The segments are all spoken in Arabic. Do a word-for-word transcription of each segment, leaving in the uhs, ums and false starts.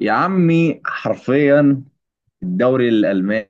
يا عمي حرفيا الدوري الألماني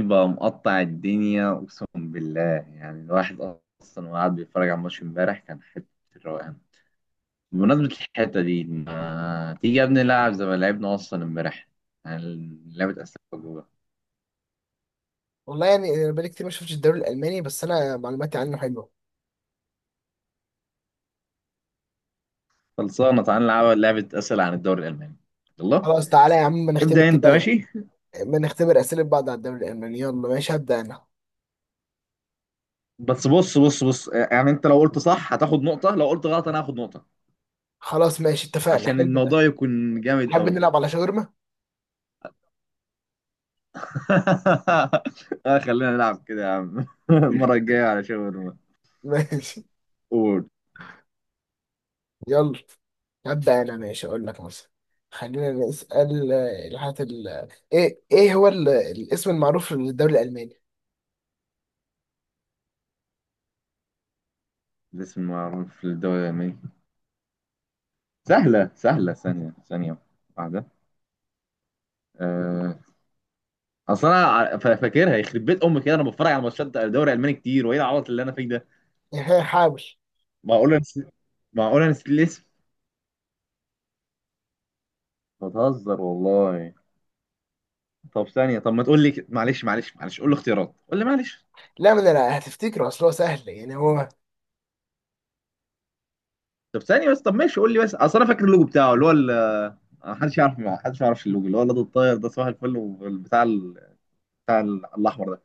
بقى مقطع الدنيا، أقسم بالله. يعني الواحد أصلا وقاعد بيتفرج على الماتش امبارح كان حتة الروقان. بمناسبة الحتة دي، ما تيجي يا ابني نلعب زي ما لعبنا أصلا امبارح؟ يعني لعبة أسئلة وجوه. والله يعني بقالي كتير ما شفتش الدوري الالماني، بس انا معلوماتي عنه حلوه. خلصانة، تعال نلعب لعبة أسئلة عن الدوري الألماني. يلا خلاص، تعالى يا عم، ما نختبر ابدأ أنت، كده ماشي. ما نختبر اسئله بعض على الدوري الالماني. يلا ماشي، هبدا انا. بس بص بص بص، يعني أنت لو قلت صح هتاخد نقطة، لو قلت غلط أنا هاخد نقطة، خلاص ماشي، اتفقنا. عشان حلو الموضوع ده. يكون جامد تحب قوي. نلعب على شاورما؟ آه خلينا نلعب كده يا عم. المرة الجاية على شاورما. ماشي، قول. يلا. هبدا انا. ماشي، اقول لك مثلا. خلينا نسال آه، الحاجات ال... ايه ايه هو ال... الاسم المعروف للدوري الالماني؟ الاسم المعروف في الدولة اليابانية؟ سهلة سهلة، ثانية ثانية واحدة. أه... أصل أنا ع- فا- فاكرها، يخرب بيت أمي كده، أنا بتفرج على ماتشات الدوري الألماني كتير، وإيه العبط اللي أنا فيه ده؟ حاول. معقول أنا نسيت؟ معقول أنا نسيت الاسم؟ بتهزر والله. طب ثانية، طب ما تقول لي، ك- معلش معلش معلش، قول لي اختيارات، قول لي، معلش. لا، ما انا لا هتفتكره، اصل هو سهل، يعني هو. طب ثانية بس، طب ماشي قول لي، بس اصل انا فاكر اللوجو بتاعه اللي هو ال- محدش يعرف، محدش ما يعرفش اللوجو اللي هو الواد الطاير ده، صباح الفل، والبتاع ال- بتاع ال- الاحمر ده.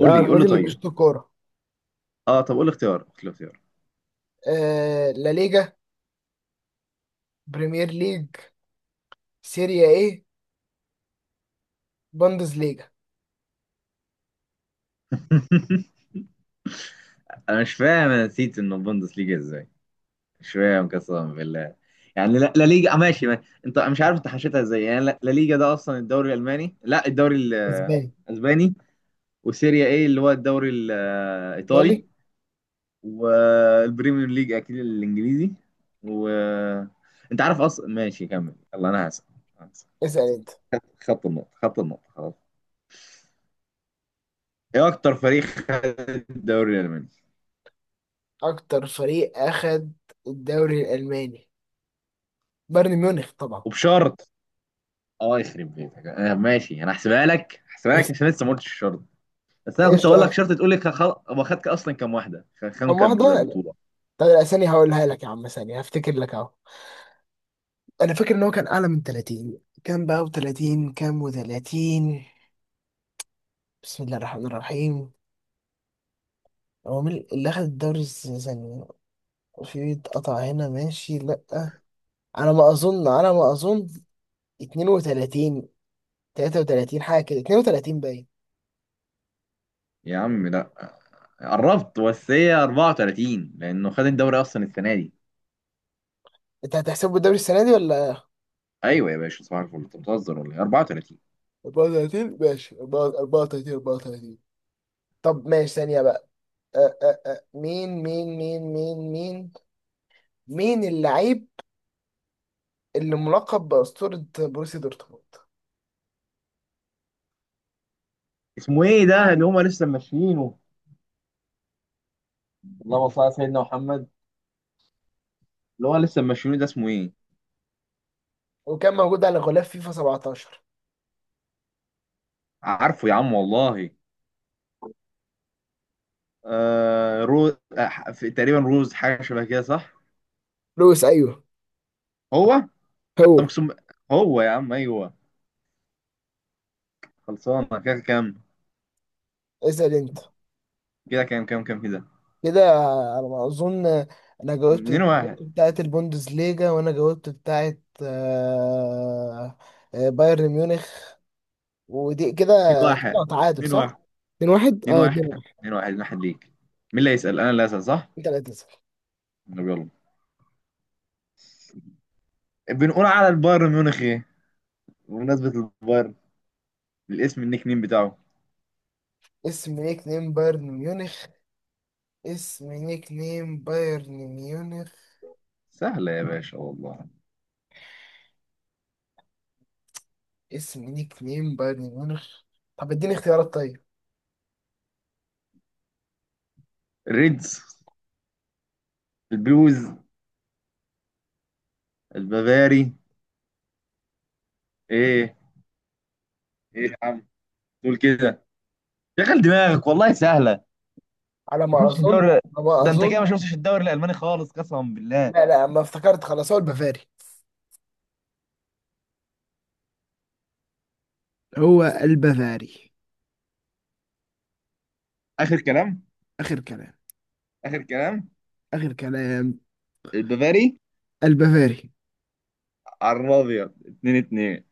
ده لي، قول لي الراجل اللي طيب. بيشوط كوره. اه طب قول لي اختيار، قول لي اختيار. آه... لا ليجا، بريمير ليج، سيريا ايه، بوندسليجا. انا مش فاهم، انا نسيت انه بوندس ليجا ازاي. مش فاهم قسما بالله. يعني لا, لا ليجا، آه، ماشي ما. انت مش عارف انت حشيتها ازاي. يعني لا, لا ليجا ده اصلا الدوري الالماني؟ لا، الدوري ال- اسباني. الاسباني. وسيريا ايه اللي هو الدوري ايطالي. الايطالي. والبريمير ليج اكيد الانجليزي. و انت عارف اصلا، ماشي كمل، يلا انا هسأل. هسأل. اسأل انت. خط خط النقطة، خط النقطة، خلاص. ايه اكتر فريق خد الدوري الالماني؟ اكتر فريق اخد الدوري الالماني، بايرن ميونخ طبعا. وبشرط. اه يخرب بيتك، آه ماشي، انا هحسبها لك، هحسبها لك عشان لسه ما قلتش الشرط. بس انا كنت ايش اقول لك تعرف شرط، تقول لي خ- خل... هو خد اصلا كام واحدة، خ- كام كم كانت واحدة؟ طيب، لا. بطولة. طب الاسامي هقولها لك يا عم، ثانية هفتكر لك اهو. انا فاكر ان هو كان اعلى من تلاتين كام بقى، و30 كام، و30. بسم الله الرحمن الرحيم. هو مين اللي اخد الدوري السنة؟ في اتقطع هنا، ماشي. لا، على ما اظن على ما اظن اتنين وتلاتين، تلاتة وتلاتين حاجة كده، اتنين وتلاتين باين. يا عم لا، قربت بس هي أربعة وثلاثين، لانه خد الدوري اصلا السنة دي. انت هتحسبه الدوري السنة دي ولا؟ ايوه يا باشا صباح الفل، انت بتهزر ولا ايه؟ أربعة وثلاثين. اربعة وتلاتين، ماشي، اربعة وتلاتين اربعة وتلاتين. طب ماشي، ثانية بقى. أه أه أه. مين مين مين مين مين مين اللاعب اللي ملقب بأسطورة بروسيا دورتموند اسمه ايه ده اللي هما لسه ماشيينه؟ اللهم صل على سيدنا محمد. اللي هو لسه ماشيينه ده اسمه ايه؟ وكان موجود على غلاف فيفا سبعة عشر؟ عارفه يا عم والله. آه روز، آه، في- تقريبا روز، حاجه شبه كده صح؟ لويس. أيوه، هو. طب هو. اقسم. هو يا عم، ايوه. خلصانه كده كام؟ اسأل أنت. كده كام كام كام كده. كده على ما أظن. أنا جاوبت اتنين واحد. بتاعة البوندسليجا، وأنا جاوبت بتاعة آه، آه، بايرن ميونخ. ودي كده اتنين واحد. كده تعادل اتنين واحد. صح؟ اتنين واحد. اتنين اه، واحد اتنين واحد. اتنين واحد. اتنين واحد ليك. مين اللي هيسال؟ انا اللي هسال صح. أنت لا تسأل. طب يلا. بنقول على البايرن ميونخ ايه؟ بمناسبه البايرن، الاسم النيك نيم بتاعه. اسم نيك نيم بايرن ميونخ اسم نيك نيم بايرن ميونخ سهله يا باشا والله. اسم نيك نيم بايرن ميونخ؟ طب اديني اختيارات طيب. ريدز؟ البلوز؟ البافاري؟ ايه؟ ايه يا عم تقول كده؟ شغل دماغك والله سهله. على ما ما شفتش اظن الدوري؟ على ما ده انت كده اظن ما شفتش الدوري الالماني خالص قسما بالله. لا، لا، ما افتكرت. خلاص، هو البافاري هو البافاري. اخر كلام. اخر كلام. اخر كلام. اخر كلام. البافاري. البافاري. على الابيض اتنين اتنين.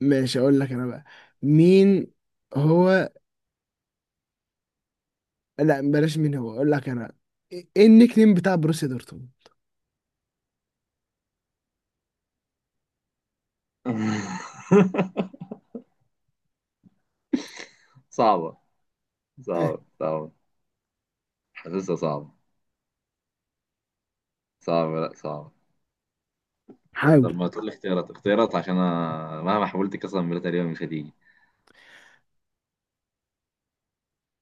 ماشي، اقول لك انا بقى. مين هو؟ لا، بلاش مين هو. اقول لك انا. ايه إيه النيك نيم بتاع بروسيا دورتموند؟ صعبه ها؟ صعبه صعبه حاسسها صعبه. صعبه لا صعبه. طب حاول. ما تقول لي اختيارات، اختيارات، عشان انا مهما حاولت قسما بالله تقريبا مش هتيجي.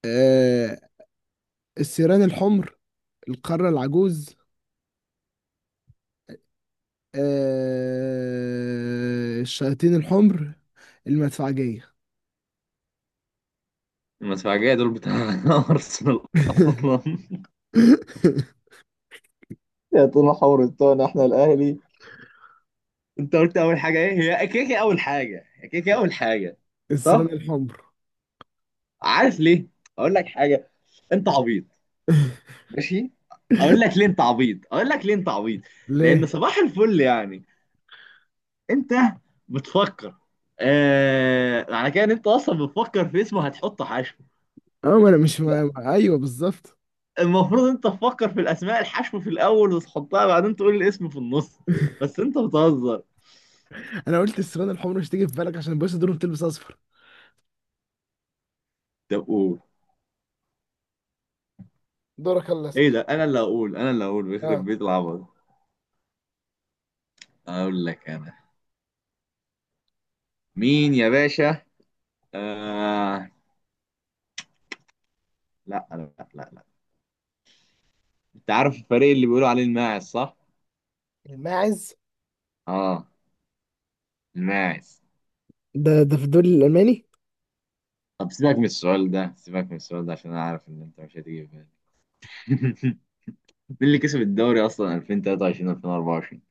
آه... السيران الحمر، القارة العجوز، آه، الشياطين الحمر، المدفعجية. المدفعجيه دول بتاع ارسنال اصلا، يا طول حور التونة، احنا الاهلي. انت قلت اول حاجه ايه؟ هي كده كده اول حاجه، هي كده كده اول حاجه. السران صح. الحمر. عارف ليه؟ اقول لك حاجه، انت عبيط. ماشي. اقول لك ليه انت عبيط، اقول لك ليه انت عبيط. لان ليه؟ صباح الفل يعني، انت بتفكر آه... على كده، ان انت اصلا بتفكر في اسمه هتحط حشو. اه، ما انا مش ما... ما- ايوه بالظبط. المفروض انت تفكر في الاسماء الحشو في الاول وتحطها بعدين، تقول الاسم في النص. بس انت بتهزر. انا قلت السران الحمر، مش تيجي في بالك؟ عشان الباشا دول بتلبس اصفر. طب قول. دورك، يلا ايه اسال. ده، انا اللي هقول، انا اللي هقول، بيخرب اه، بيت العبط. اقول لك انا. مين يا باشا؟ آه. لا لا لا لا. انت عارف الفريق اللي بيقولوا عليه الماعز صح؟ الماعز. اه، الماعز. ده ده في الدوري الالماني؟ طب سيبك من السؤال ده، سيبك من السؤال ده عشان انا عارف ان انت مش هتيجي في بالك. مين اللي كسب الدوري اصلا ألفين وتلاتة وعشرين ألفين وأربعة وعشرين؟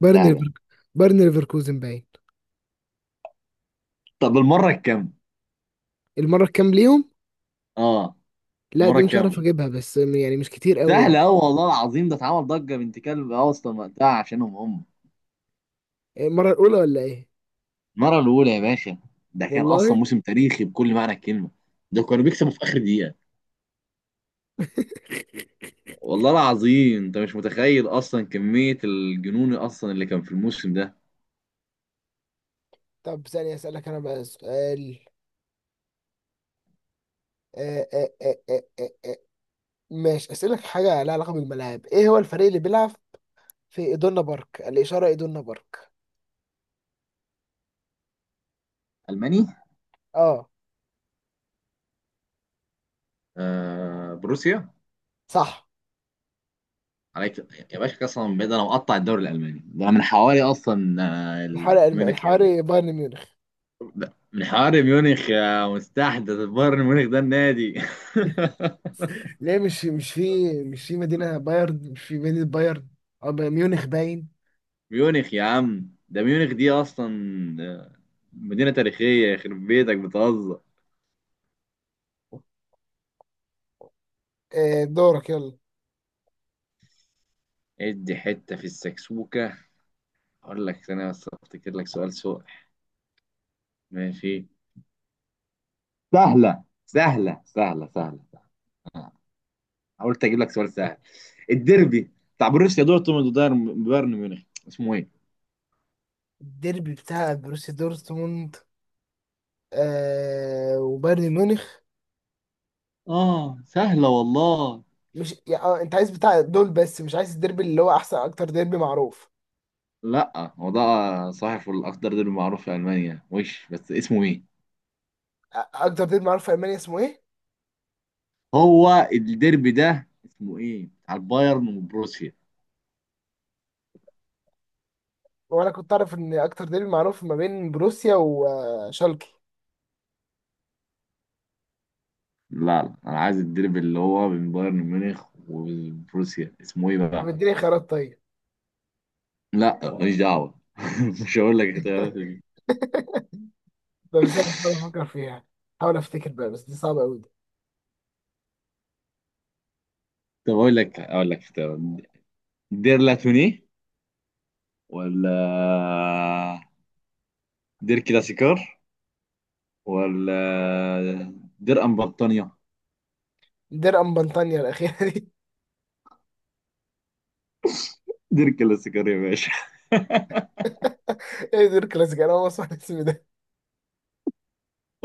بايرن سهله. ليفر- بايرن ليفركوزن باين. طب المره الكام؟ المره الكام ليهم؟ اه لا، المره دي مش عارف الكام؟ اجيبها، بس يعني مش كتير قوي يعني. سهله قوي والله العظيم، ده اتعمل ضجه بنت كلب اصلا وقتها عشانهم هم. المره الاولى ولا ايه؟ المره الاولى يا باشا. ده كان اصلا والله. موسم تاريخي بكل معنى الكلمه. ده كانوا بيكسبوا في اخر دقيقه. والله العظيم انت مش متخيل اصلا كمية الجنون اصلا اللي كان في الموسم ده. طب ثانية أسألك أنا بقى سؤال. آه، آه، آه، آه، آه، آه. ماشي أسألك حاجة لها علاقة بالملاعب. إيه هو الفريق اللي بيلعب في إدونا بارك؟ الإشارة إدونا بارك. الماني. أه آه بروسيا. صح. عليك يا باشا. قسما بالله انا مقطع الدوري الالماني ده من حوالي اصلا، آه، الحواري الم... ميونخ يا. الحواري بايرن ميونخ. ده من حوالي، ميونخ يا مستحدث، بايرن ميونخ ده النادي. ليه مش مش في مش في مدينة بايرن؟ مش في مدينة بايرن أو ب- ميونخ باين. ميونخ يا عم، ده ميونخ دي اصلا، آه، مدينة تاريخية. يخرب بيتك بتهزر. آه، دورك يلا. ادي حتة في السكسوكة. اقول لك، ثانية بس افتكر لك سؤال. سؤال. ماشي. سهلة سهلة سهلة سهلة. آه، حاولت أجيب لك سؤال سهل. الديربي بتاع بروسيا دورتموند وبايرن بايرن ميونخ، اسمه إيه؟ الديربي بتاع بروسيا دورتموند آه وبايرن ميونخ. اه سهلة والله. مش يعني آه، انت عايز بتاع دول بس؟ مش عايز الديربي اللي هو احسن اكتر ديربي معروف. لا هو ده. صحيح الأخضر ديربي معروف في ألمانيا وش، بس اسمه إيه؟ اكتر ديربي معروف في المانيا اسمه ايه؟ هو الديربي ده اسمه إيه؟ بتاع البايرن وبروسيا. وانا كنت اعرف ان اكتر ديربي معروف ما بين بروسيا وشالكي. لا لا، أنا عايز الديربي اللي هو بين بايرن ميونخ وبروسيا، اسمه إيه طب بقى؟ اديني خيارات طيب. لا ماليش دعوة. مش هقول لك اختيارات دي. طب ازاي بفكر فيها؟ حاول افتكر بقى، بس دي صعبه قوي دي. طب أقول لك، أقول لك اختيارات. دير لاتوني، ولا دير كلاسيكار، ولا دير ام بطانية. دير ام بنطانيا الاخيره دي. دير كلاسيكار يا باشا. ايه دير كلاسيك؟ انا اول ما اسمع الاسم ده.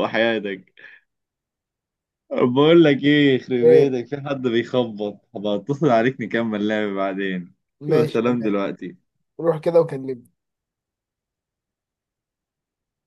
وحياتك. بقول لك ايه، يخرب ايه؟ بيتك في حد بيخبط، هبقى اتصل عليك نكمل لعب بعدين. ماشي سلام تمام. دلوقتي. روح كده وكلمني.